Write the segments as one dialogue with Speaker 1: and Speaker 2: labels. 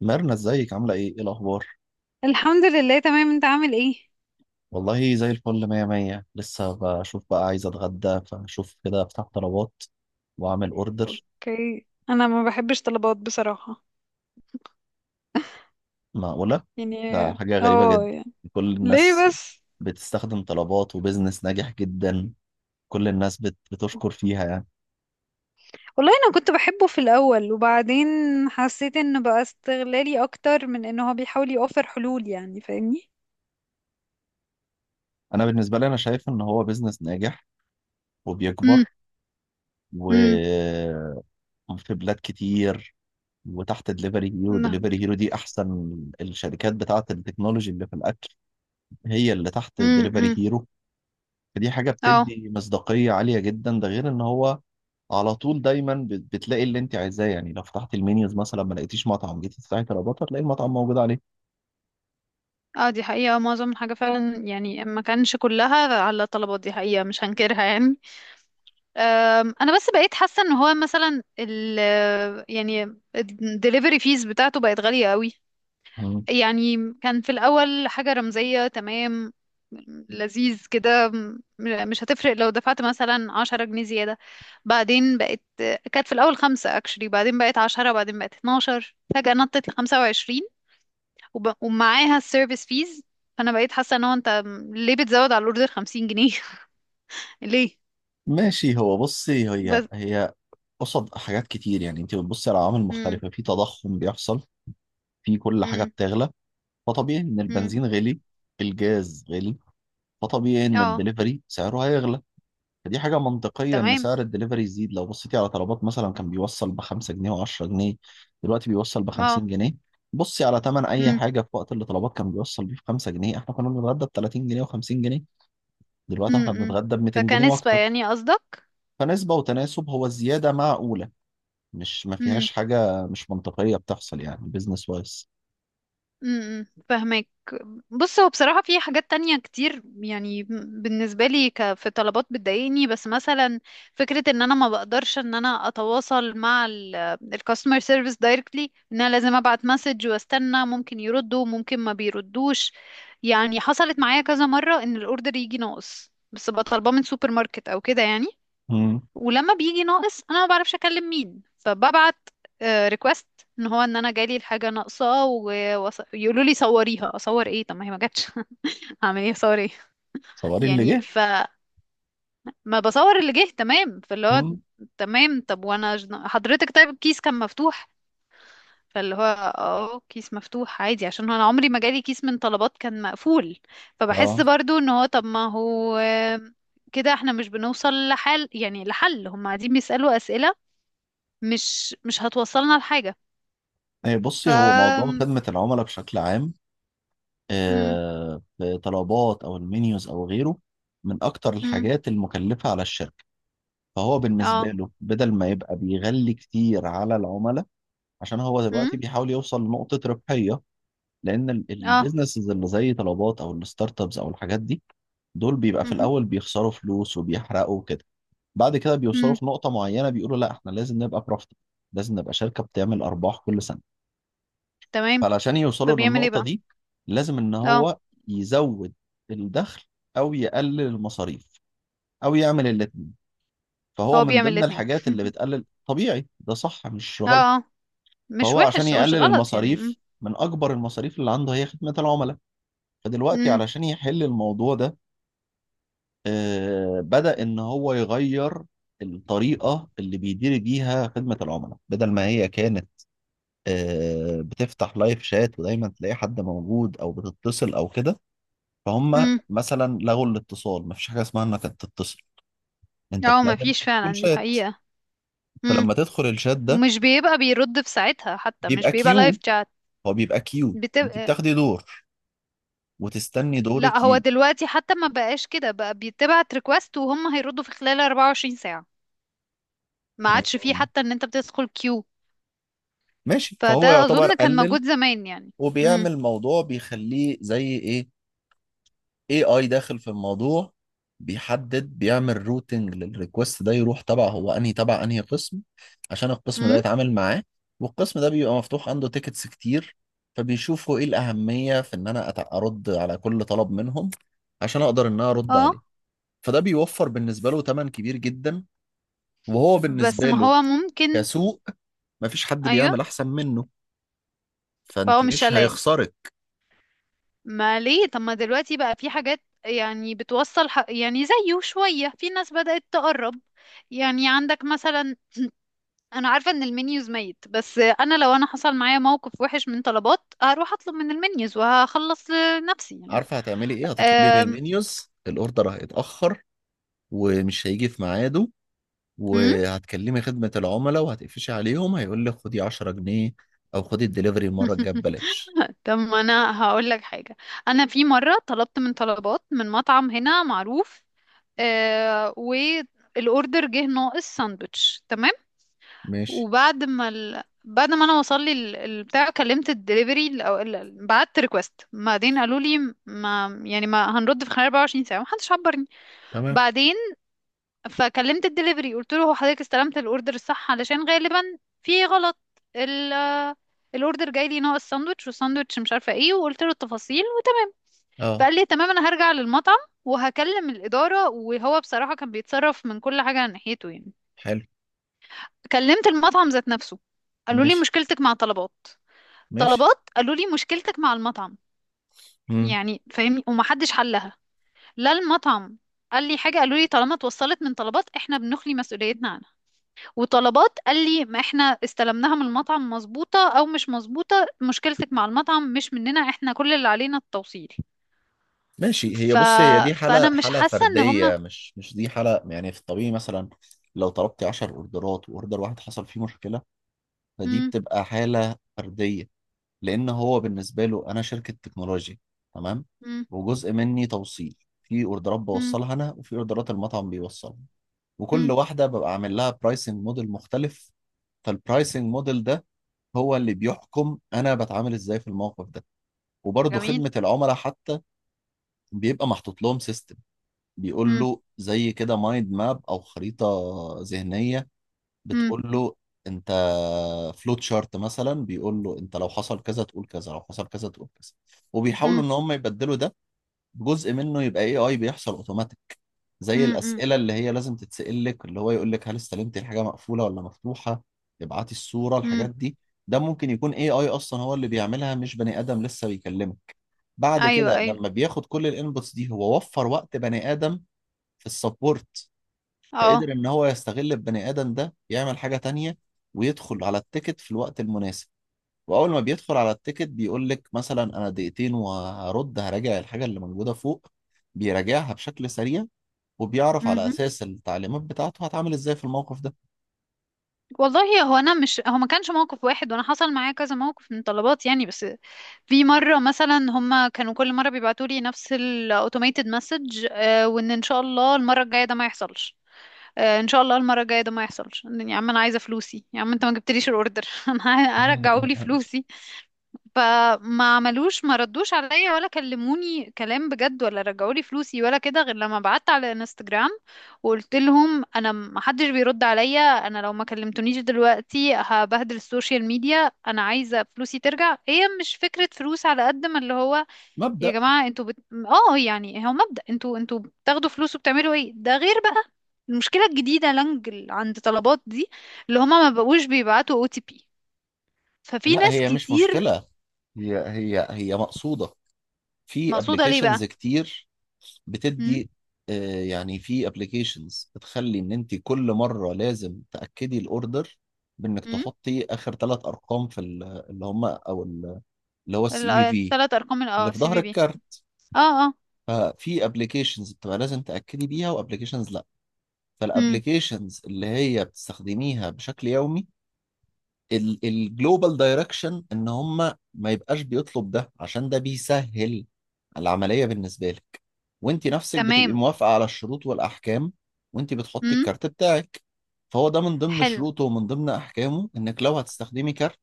Speaker 1: ميرنا، ازيك؟ عاملة ايه؟ ايه الأخبار؟
Speaker 2: الحمد لله، تمام. انت عامل ايه؟
Speaker 1: والله زي الفل، مية مية. لسه بشوف بقى، عايز أتغدى، فشوف كده أفتح طلبات وأعمل أوردر.
Speaker 2: اوكي، انا ما بحبش طلبات بصراحة.
Speaker 1: معقولة؟
Speaker 2: يعني.
Speaker 1: ده حاجة غريبة
Speaker 2: اه،
Speaker 1: جدا.
Speaker 2: يعني.
Speaker 1: كل
Speaker 2: ليه
Speaker 1: الناس
Speaker 2: بس؟
Speaker 1: بتستخدم طلبات، وبزنس ناجح جدا. كل الناس بتشكر فيها يعني.
Speaker 2: والله انا كنت بحبه في الاول، وبعدين حسيت انه بقى استغلالي اكتر من انه هو بيحاول يوفر حلول. يعني فاهمني؟
Speaker 1: أنا بالنسبة لي، أنا شايف إن هو بزنس ناجح
Speaker 2: امم.
Speaker 1: وبيكبر،
Speaker 2: امم.
Speaker 1: وفي بلاد كتير. وتحت دليفري هيرو،
Speaker 2: نعم.
Speaker 1: دليفري هيرو دي أحسن الشركات بتاعة التكنولوجي اللي في الأكل، هي اللي تحت
Speaker 2: امم.
Speaker 1: دليفري
Speaker 2: امم.
Speaker 1: هيرو. فدي حاجة
Speaker 2: اه.
Speaker 1: بتدي مصداقية عالية جدا، ده غير ان هو على طول دايما بتلاقي اللي انت عايزاه. يعني لو فتحت المنيوز مثلا ما لقيتيش مطعم، جيتي تفتحي طلبات هتلاقي المطعم موجود عليه.
Speaker 2: اه. دي حقيقة، معظم الحاجة فعلا، يعني ما كانش كلها على طلبات، دي حقيقة مش هنكرها يعني. انا بس بقيت حاسه ان هو مثلا يعني الدليفري فيز بتاعته بقت غاليه قوي.
Speaker 1: مم.
Speaker 2: يعني كان في الاول حاجه رمزيه، تمام، لذيذ كده، مش هتفرق لو دفعت مثلا 10 جنيه زياده. بعدين بقت كانت في الاول خمسة اكشلي، بعدين بقت عشرة، بعدين بقت 12، فجاه نطت لخمسة وعشرين. ومعاها السيرفيس فيز. فانا بقيت حاسه ان هو، انت ليه بتزود على الاوردر 50 جنيه؟ ليه
Speaker 1: ماشي. هو بصي، هي
Speaker 2: بس؟
Speaker 1: هي قصد حاجات كتير. يعني انت بتبصي على عوامل
Speaker 2: امم.
Speaker 1: مختلفة، في تضخم بيحصل، في كل حاجة
Speaker 2: امم.
Speaker 1: بتغلى. فطبيعي ان
Speaker 2: امم.
Speaker 1: البنزين غلي، الجاز غلي، فطبيعي ان
Speaker 2: اه.
Speaker 1: الدليفري سعره هيغلى. فدي حاجة منطقية إن
Speaker 2: تمام.
Speaker 1: سعر الدليفري يزيد. لو بصيتي على طلبات، مثلا كان بيوصل بخمسة جنيه وعشرة جنيه، دلوقتي بيوصل
Speaker 2: اه.
Speaker 1: بخمسين جنيه. بصي على تمن أي
Speaker 2: امم.
Speaker 1: حاجة، في وقت اللي طلبات كان بيوصل بيه بخمسة جنيه، إحنا كنا بنتغدى بتلاتين جنيه وخمسين جنيه، دلوقتي إحنا
Speaker 2: امم.
Speaker 1: بنتغدى بميتين جنيه
Speaker 2: فكنسبة
Speaker 1: وأكتر.
Speaker 2: يعني قصدك؟
Speaker 1: فنسبة وتناسب، هو الزيادة معقولة. مش، ما
Speaker 2: امم.
Speaker 1: فيهاش حاجة مش منطقية بتحصل يعني، بيزنس وايز.
Speaker 2: امم. فهمك. بص، هو بصراحة في حاجات تانية كتير يعني بالنسبة لي، في طلبات بتضايقني، بس مثلا فكرة ان انا ما بقدرش ان انا اتواصل مع الكاستمر سيرفيس دايركتلي، ان انا لازم ابعت مسج واستنى، ممكن يردوا ممكن ما بيردوش. يعني حصلت معايا كذا مرة ان الاوردر يجي ناقص، بس بطلباه من سوبر ماركت او كده يعني. ولما بيجي ناقص انا ما بعرفش اكلم مين، فببعت ريكوست ان هو، ان انا جالي الحاجه ناقصه، ويقولوا لي صوريها. اصور ايه؟ طب ما هي ما جاتش. اعمل ايه؟ اصور ايه؟
Speaker 1: صوري اللي
Speaker 2: يعني
Speaker 1: جه.
Speaker 2: فما بصور اللي جه، تمام، فاللي هو
Speaker 1: مم.
Speaker 2: تمام. طب وانا حضرتك، طيب، الكيس كان مفتوح. فاللي هو اه، كيس مفتوح عادي، عشان انا عمري ما جالي كيس من طلبات كان مقفول. فبحس
Speaker 1: اه.
Speaker 2: برضو ان هو، طب ما هو كده احنا مش بنوصل لحل، يعني لحل. هم قاعدين بيسألوا أسئلة، مش هتوصلنا لحاجة.
Speaker 1: إيه،
Speaker 2: ف
Speaker 1: بصي، هو موضوع خدمة العملاء بشكل عام،
Speaker 2: مم.
Speaker 1: آه، في طلبات او المنيوز او غيره، من اكتر
Speaker 2: مم.
Speaker 1: الحاجات المكلفه على الشركه. فهو بالنسبه
Speaker 2: اه.
Speaker 1: له، بدل ما يبقى بيغلي كتير على العملاء، عشان هو
Speaker 2: مم.
Speaker 1: دلوقتي بيحاول يوصل لنقطه ربحيه. لان
Speaker 2: اه.
Speaker 1: البيزنسز اللي زي طلبات او الستارت ابس او الحاجات دي، دول بيبقى في
Speaker 2: مهم.
Speaker 1: الاول بيخسروا فلوس وبيحرقوا وكده، بعد كده بيوصلوا
Speaker 2: مم.
Speaker 1: في نقطه معينه بيقولوا لا، احنا لازم نبقى بروفيت، لازم نبقى شركه بتعمل ارباح كل سنه.
Speaker 2: تمام.
Speaker 1: فعلشان يوصلوا
Speaker 2: فبيعمل ايه
Speaker 1: للنقطة
Speaker 2: بقى؟
Speaker 1: دي لازم إن
Speaker 2: اه،
Speaker 1: هو يزود الدخل، أو يقلل المصاريف، أو يعمل الاتنين. فهو
Speaker 2: هو
Speaker 1: من
Speaker 2: بيعمل
Speaker 1: ضمن
Speaker 2: الاتنين.
Speaker 1: الحاجات اللي بتقلل، طبيعي ده صح مش
Speaker 2: اه،
Speaker 1: غلط.
Speaker 2: اه، مش
Speaker 1: فهو عشان
Speaker 2: وحش، مش
Speaker 1: يقلل
Speaker 2: غلط يعني. مم.
Speaker 1: المصاريف، من أكبر المصاريف اللي عنده هي خدمة العملاء. فدلوقتي
Speaker 2: مم.
Speaker 1: علشان يحل الموضوع ده، آه، بدأ إن هو يغير الطريقة اللي بيدير بيها خدمة العملاء. بدل ما هي كانت، آه، بتفتح لايف شات ودايما تلاقي حد موجود أو بتتصل أو كده، فهم
Speaker 2: مم.
Speaker 1: مثلا لغوا الاتصال، مفيش حاجه اسمها انك تتصل. انت
Speaker 2: اه، ما
Speaker 1: بتعمل
Speaker 2: فيش
Speaker 1: كل
Speaker 2: فعلا، دي
Speaker 1: شات،
Speaker 2: حقيقة. مم.
Speaker 1: فلما تدخل الشات ده
Speaker 2: ومش بيبقى بيرد في ساعتها حتى، مش
Speaker 1: بيبقى
Speaker 2: بيبقى لايف
Speaker 1: كيو.
Speaker 2: شات.
Speaker 1: هو بيبقى كيو، انت
Speaker 2: بتبقى.
Speaker 1: بتاخدي دور وتستني
Speaker 2: لا،
Speaker 1: دورك
Speaker 2: هو
Speaker 1: يجي.
Speaker 2: دلوقتي حتى ما بقاش كده، بقى بيتبعت ريكوست وهم هيردوا في خلال 24 ساعة. ما عادش فيه
Speaker 1: مم.
Speaker 2: حتى ان انت بتدخل كيو.
Speaker 1: ماشي،
Speaker 2: فده
Speaker 1: فهو يعتبر
Speaker 2: اظن كان
Speaker 1: قلل.
Speaker 2: موجود زمان يعني. امم.
Speaker 1: وبيعمل موضوع بيخليه زي ايه، إيه، اي داخل في الموضوع. بيحدد، بيعمل روتنج للريكوست ده، يروح تبع هو انهي، تبع انهي قسم، عشان القسم ده
Speaker 2: امم.
Speaker 1: يتعامل معاه. والقسم ده بيبقى مفتوح عنده تيكتس كتير، فبيشوفوا ايه الأهمية في ان انا ارد على كل طلب منهم عشان اقدر ان انا ارد
Speaker 2: اه،
Speaker 1: عليه. فده بيوفر بالنسبة له تمن كبير جدا. وهو
Speaker 2: بس
Speaker 1: بالنسبة
Speaker 2: ما
Speaker 1: له،
Speaker 2: هو ممكن.
Speaker 1: كسوق، مفيش حد
Speaker 2: ايوه.
Speaker 1: بيعمل احسن منه،
Speaker 2: فهو
Speaker 1: فانت
Speaker 2: مش
Speaker 1: مش
Speaker 2: قلقان.
Speaker 1: هيخسرك.
Speaker 2: ما ليه؟ طب ما دلوقتي بقى في حاجات يعني بتوصل يعني زيه شوية، في ناس بدأت تقرب. يعني عندك مثلا انا عارفة ان المنيوز ميت، بس انا لو انا حصل معايا موقف وحش من طلبات، هروح اطلب من المنيوز وهخلص لنفسي يعني.
Speaker 1: عارفة هتعملي ايه؟ هتطلبي من
Speaker 2: أم...
Speaker 1: المنيوز، الاوردر هيتأخر ومش هيجي في ميعاده،
Speaker 2: مم؟
Speaker 1: وهتكلمي خدمة العملاء وهتقفشي عليهم، هيقول لك خدي 10 جنيه او خدي الدليفري المرة الجاية ببلاش.
Speaker 2: طب ما انا هقول لك حاجة. انا في مرة طلبت من طلبات من مطعم هنا معروف، آه، والاوردر جه ناقص ساندوتش، تمام.
Speaker 1: ماشي.
Speaker 2: وبعد ما ال... بعد ما انا وصل لي البتاع، كلمت الدليفري او بعت ريكوست، بعدين قالوا لي ما يعني، ما هنرد في خلال 24 ساعه، ما حدش عبرني.
Speaker 1: تمام.
Speaker 2: بعدين فكلمت الدليفري قلت له، هو حضرتك استلمت الاوردر الصح؟ علشان غالبا في غلط. ال الاوردر جاي لي ناقص ساندوتش، والساندوتش مش عارفه ايه، وقلت له التفاصيل.
Speaker 1: اه.
Speaker 2: فقال لي تمام، انا هرجع للمطعم وهكلم الاداره، وهو بصراحه كان بيتصرف من كل حاجه ناحيته يعني.
Speaker 1: حلو.
Speaker 2: كلمت المطعم ذات نفسه، قالوا لي
Speaker 1: ماشي.
Speaker 2: مشكلتك مع طلبات.
Speaker 1: ماشي.
Speaker 2: طلبات قالوا لي مشكلتك مع المطعم.
Speaker 1: مم.
Speaker 2: يعني فاهمني؟ ومحدش حلها. لا، المطعم قال لي حاجه، قالوا لي طالما اتوصلت من طلبات، احنا بنخلي مسؤوليتنا عنها. وطلبات قال لي ما احنا استلمناها من المطعم مظبوطه او مش مظبوطه، مشكلتك مع المطعم مش مننا، احنا كل اللي علينا التوصيل.
Speaker 1: ماشي، هي
Speaker 2: ف...
Speaker 1: بص، هي دي
Speaker 2: فانا
Speaker 1: حالة،
Speaker 2: مش
Speaker 1: حالة
Speaker 2: حاسه ان هما.
Speaker 1: فردية، مش دي حالة يعني في الطبيعي. مثلا لو طلبتي 10 اوردرات، واوردر واحد حصل فيه مشكلة، فدي
Speaker 2: مم.
Speaker 1: بتبقى حالة فردية. لان هو بالنسبة له انا شركة تكنولوجيا، تمام،
Speaker 2: مم.
Speaker 1: وجزء مني توصيل. في اوردرات
Speaker 2: مم.
Speaker 1: بوصلها انا، وفي اوردرات المطعم بيوصلها، وكل
Speaker 2: مم.
Speaker 1: واحدة ببقى عامل لها برايسنج موديل مختلف. فالبرايسنج موديل ده هو اللي بيحكم انا بتعامل ازاي في الموقف ده. وبرضه
Speaker 2: جميل.
Speaker 1: خدمة العملاء حتى بيبقى محطوط لهم سيستم، بيقول
Speaker 2: مم.
Speaker 1: له زي كده مايند ماب او خريطة ذهنية،
Speaker 2: مم.
Speaker 1: بتقول له انت، فلوت شارت مثلا بيقول له انت لو حصل كذا تقول كذا، لو حصل كذا تقول كذا. وبيحاولوا
Speaker 2: مم.
Speaker 1: ان هم يبدلوا ده، جزء منه يبقى اي اي بيحصل اوتوماتيك، زي
Speaker 2: مم. مم.
Speaker 1: الاسئله اللي هي لازم تتسال لك، اللي هو يقول لك هل استلمت الحاجه مقفوله ولا مفتوحه، ابعتي الصوره، الحاجات
Speaker 2: مم.
Speaker 1: دي. ده ممكن يكون اي اي اصلا هو اللي بيعملها، مش بني ادم لسه بيكلمك. بعد
Speaker 2: ايوه،
Speaker 1: كده
Speaker 2: ايوه.
Speaker 1: لما بياخد كل الانبوتس دي، هو وفر وقت بني ادم في السبورت،
Speaker 2: اه.
Speaker 1: فقدر ان هو يستغل البني ادم ده يعمل حاجه تانية، ويدخل على التيكت في الوقت المناسب. واول ما بيدخل على التيكت بيقول لك مثلا انا دقيقتين وهرد، هراجع الحاجه اللي موجوده فوق، بيراجعها بشكل سريع، وبيعرف على
Speaker 2: مهم.
Speaker 1: اساس التعليمات بتاعته هتعامل ازاي في الموقف ده.
Speaker 2: والله، هو انا مش، هو ما كانش موقف واحد، وانا حصل معايا كذا موقف من طلبات يعني، بس في مره مثلا هما كانوا كل مره بيبعتوا لي نفس الاوتوميتد مسج، وان ان شاء الله المره الجايه ده ما يحصلش. آه، ان شاء الله المره الجايه ده ما يحصلش، يا عم انا عايزه فلوسي، يا عم انت ما جبتليش الاوردر. انا هرجعوا لي فلوسي. فما عملوش، ما ردوش عليا، ولا كلموني كلام بجد، ولا رجعوا لي فلوسي، ولا كده، غير لما بعت على انستجرام، وقلت لهم، انا ما حدش بيرد عليا، انا لو ما كلمتونيش دلوقتي هبهدل السوشيال ميديا، انا عايزه فلوسي ترجع. هي مش فكره فلوس على قد ما اللي هو، يا
Speaker 1: مبدأ.
Speaker 2: جماعه انتوا اه، يعني هو مبدأ، انتوا بتاخدوا فلوس وبتعملوا ايه، ده غير بقى المشكله الجديده لانج عند طلبات دي، اللي هما ما بقوش بيبعتوا OTP. ففي
Speaker 1: لا،
Speaker 2: ناس
Speaker 1: هي مش
Speaker 2: كتير.
Speaker 1: مشكله، هي مقصوده. في
Speaker 2: مقصوده ليه
Speaker 1: ابلكيشنز
Speaker 2: بقى؟
Speaker 1: كتير
Speaker 2: امم.
Speaker 1: بتدي، آه، يعني في ابلكيشنز بتخلي ان انت كل مره لازم تاكدي الاوردر، بانك
Speaker 2: امم.
Speaker 1: تحطي اخر 3 ارقام في اللي هم، او اللي هو السي في في،
Speaker 2: الثلاث ارقام
Speaker 1: اللي في
Speaker 2: سي
Speaker 1: ظهر
Speaker 2: في بي
Speaker 1: الكارت.
Speaker 2: اه. اه.
Speaker 1: ففي ابلكيشنز بتبقى لازم تاكدي بيها، وابلكيشنز لا.
Speaker 2: امم.
Speaker 1: فالابلكيشنز اللي هي بتستخدميها بشكل يومي، الجلوبال دايركشن ان هم ما يبقاش بيطلب ده، عشان ده بيسهل العمليه بالنسبه لك، وانت نفسك بتبقي
Speaker 2: تمام.
Speaker 1: موافقه على الشروط والاحكام، وانت بتحطي
Speaker 2: امم.
Speaker 1: الكارت بتاعك. فهو ده من ضمن
Speaker 2: حلو.
Speaker 1: شروطه ومن ضمن احكامه انك لو هتستخدمي كارت،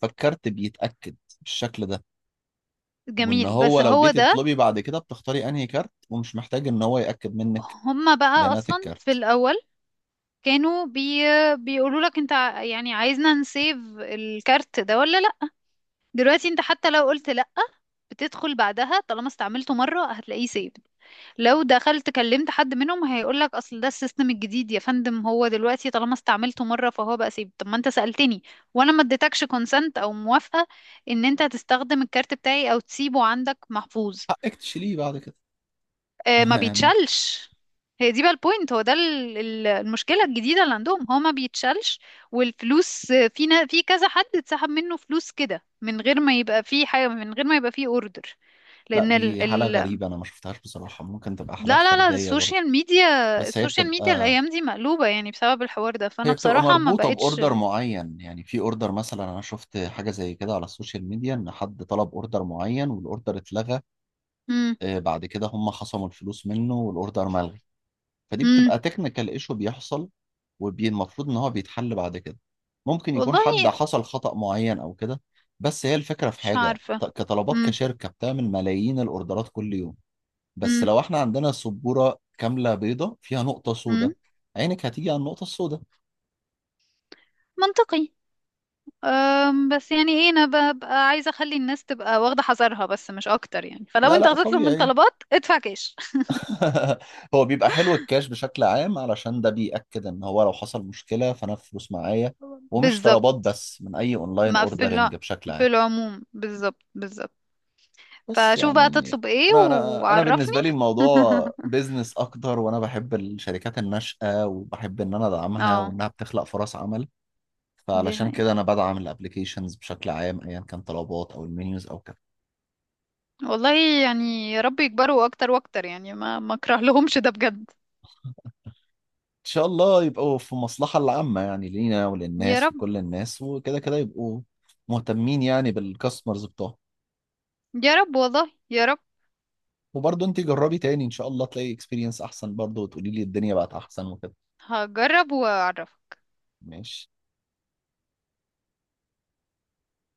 Speaker 1: فالكارت بيتاكد بالشكل ده. وان
Speaker 2: جميل
Speaker 1: هو
Speaker 2: بس
Speaker 1: لو
Speaker 2: هو
Speaker 1: جيتي
Speaker 2: ده.
Speaker 1: تطلبي بعد كده بتختاري انهي كارت، ومش محتاج ان هو ياكد منك
Speaker 2: هما بقى
Speaker 1: بيانات
Speaker 2: اصلا في
Speaker 1: الكارت.
Speaker 2: الاول كانوا بيقولوا لك انت يعني عايزنا نسيف الكارت ده ولا لا؟ دلوقتي انت حتى لو قلت لأ، بتدخل بعدها طالما استعملته مرة هتلاقيه saved. لو دخلت كلمت حد منهم هيقولك، اصل ده السيستم الجديد يا فندم، هو دلوقتي طالما استعملته مرة فهو بقى saved. طب ما انت سألتني وانا ما اديتكش consent او موافقة ان انت هتستخدم الكارت بتاعي او تسيبه عندك محفوظ.
Speaker 1: حقك تشيليه بعد كده.
Speaker 2: آه، ما
Speaker 1: يعني
Speaker 2: بيتشالش. هي دي بقى البوينت، هو ده المشكلة الجديدة اللي عندهم، هو ما بيتشالش. والفلوس، في كذا حد اتسحب منه فلوس كده، من غير ما يبقى فيه حاجة، من غير ما يبقى فيه اوردر.
Speaker 1: لا،
Speaker 2: لأن ال...
Speaker 1: دي حالة
Speaker 2: ال...
Speaker 1: غريبة، أنا ما شفتهاش بصراحة. ممكن تبقى حالات
Speaker 2: لا، لا، لا،
Speaker 1: فردية برضه،
Speaker 2: السوشيال ميديا.
Speaker 1: بس هي
Speaker 2: السوشيال ميديا
Speaker 1: بتبقى،
Speaker 2: الأيام دي مقلوبة يعني بسبب الحوار ده، فأنا
Speaker 1: هي بتبقى
Speaker 2: بصراحة ما
Speaker 1: مربوطة
Speaker 2: بقتش.
Speaker 1: بأوردر معين. يعني في أوردر، مثلا أنا شفت حاجة زي كده على السوشيال ميديا، إن حد طلب أوردر معين والأوردر اتلغى،
Speaker 2: مم.
Speaker 1: آه، بعد كده هم خصموا الفلوس منه والأوردر ملغي. فدي
Speaker 2: مم.
Speaker 1: بتبقى تكنيكال ايشو بيحصل، والمفروض ان هو بيتحل بعد كده، ممكن يكون
Speaker 2: والله
Speaker 1: حد حصل خطأ معين او كده. بس هي الفكرة، في
Speaker 2: مش
Speaker 1: حاجة
Speaker 2: عارفة.
Speaker 1: كطلبات،
Speaker 2: مم.
Speaker 1: كشركة بتعمل ملايين الاوردرات كل يوم، بس
Speaker 2: مم.
Speaker 1: لو احنا عندنا سبورة كاملة بيضة فيها نقطة
Speaker 2: مم.
Speaker 1: سوداء، عينك هتيجي على النقطة السوداء.
Speaker 2: منطقي. بس يعني ايه، انا ببقى عايزه اخلي الناس تبقى واخده حذرها، بس مش اكتر يعني. فلو
Speaker 1: لا
Speaker 2: انت
Speaker 1: لا،
Speaker 2: هتطلب من
Speaker 1: طبيعي.
Speaker 2: طلبات ادفع كاش
Speaker 1: هو بيبقى حلو الكاش بشكل عام، علشان ده بيأكد ان هو لو حصل مشكلة فانا الفلوس معايا،
Speaker 2: طبعاً.
Speaker 1: ومش
Speaker 2: بالظبط.
Speaker 1: طلبات بس، من اي اونلاين
Speaker 2: ما في الع...
Speaker 1: اوردرنج بشكل
Speaker 2: في
Speaker 1: عام.
Speaker 2: العموم، بالظبط، بالظبط.
Speaker 1: بس
Speaker 2: فشوف بقى
Speaker 1: يعني
Speaker 2: تطلب ايه
Speaker 1: انا
Speaker 2: وعرفني.
Speaker 1: بالنسبه لي الموضوع بيزنس اكتر، وانا بحب الشركات الناشئه، وبحب ان انا ادعمها،
Speaker 2: اه،
Speaker 1: وانها بتخلق فرص عمل.
Speaker 2: دي
Speaker 1: فعلشان
Speaker 2: حقيقة.
Speaker 1: كده انا بدعم الابليكيشنز بشكل عام، ايا كان طلبات او المنيوز او كده.
Speaker 2: والله، يعني يا رب يكبروا اكتر واكتر، يعني ما اكره لهمش ده بجد.
Speaker 1: ان شاء الله يبقوا في المصلحه العامه يعني، لينا
Speaker 2: يا
Speaker 1: وللناس
Speaker 2: رب،
Speaker 1: وكل الناس، وكده كده يبقوا مهتمين يعني بالكاستمرز بتوعهم.
Speaker 2: يا رب، والله يا رب.
Speaker 1: وبرضه انت جربي تاني، ان شاء الله تلاقي اكسبيرينس احسن برضه، وتقولي لي الدنيا بقت احسن وكده.
Speaker 2: هجرب واعرف.
Speaker 1: ماشي.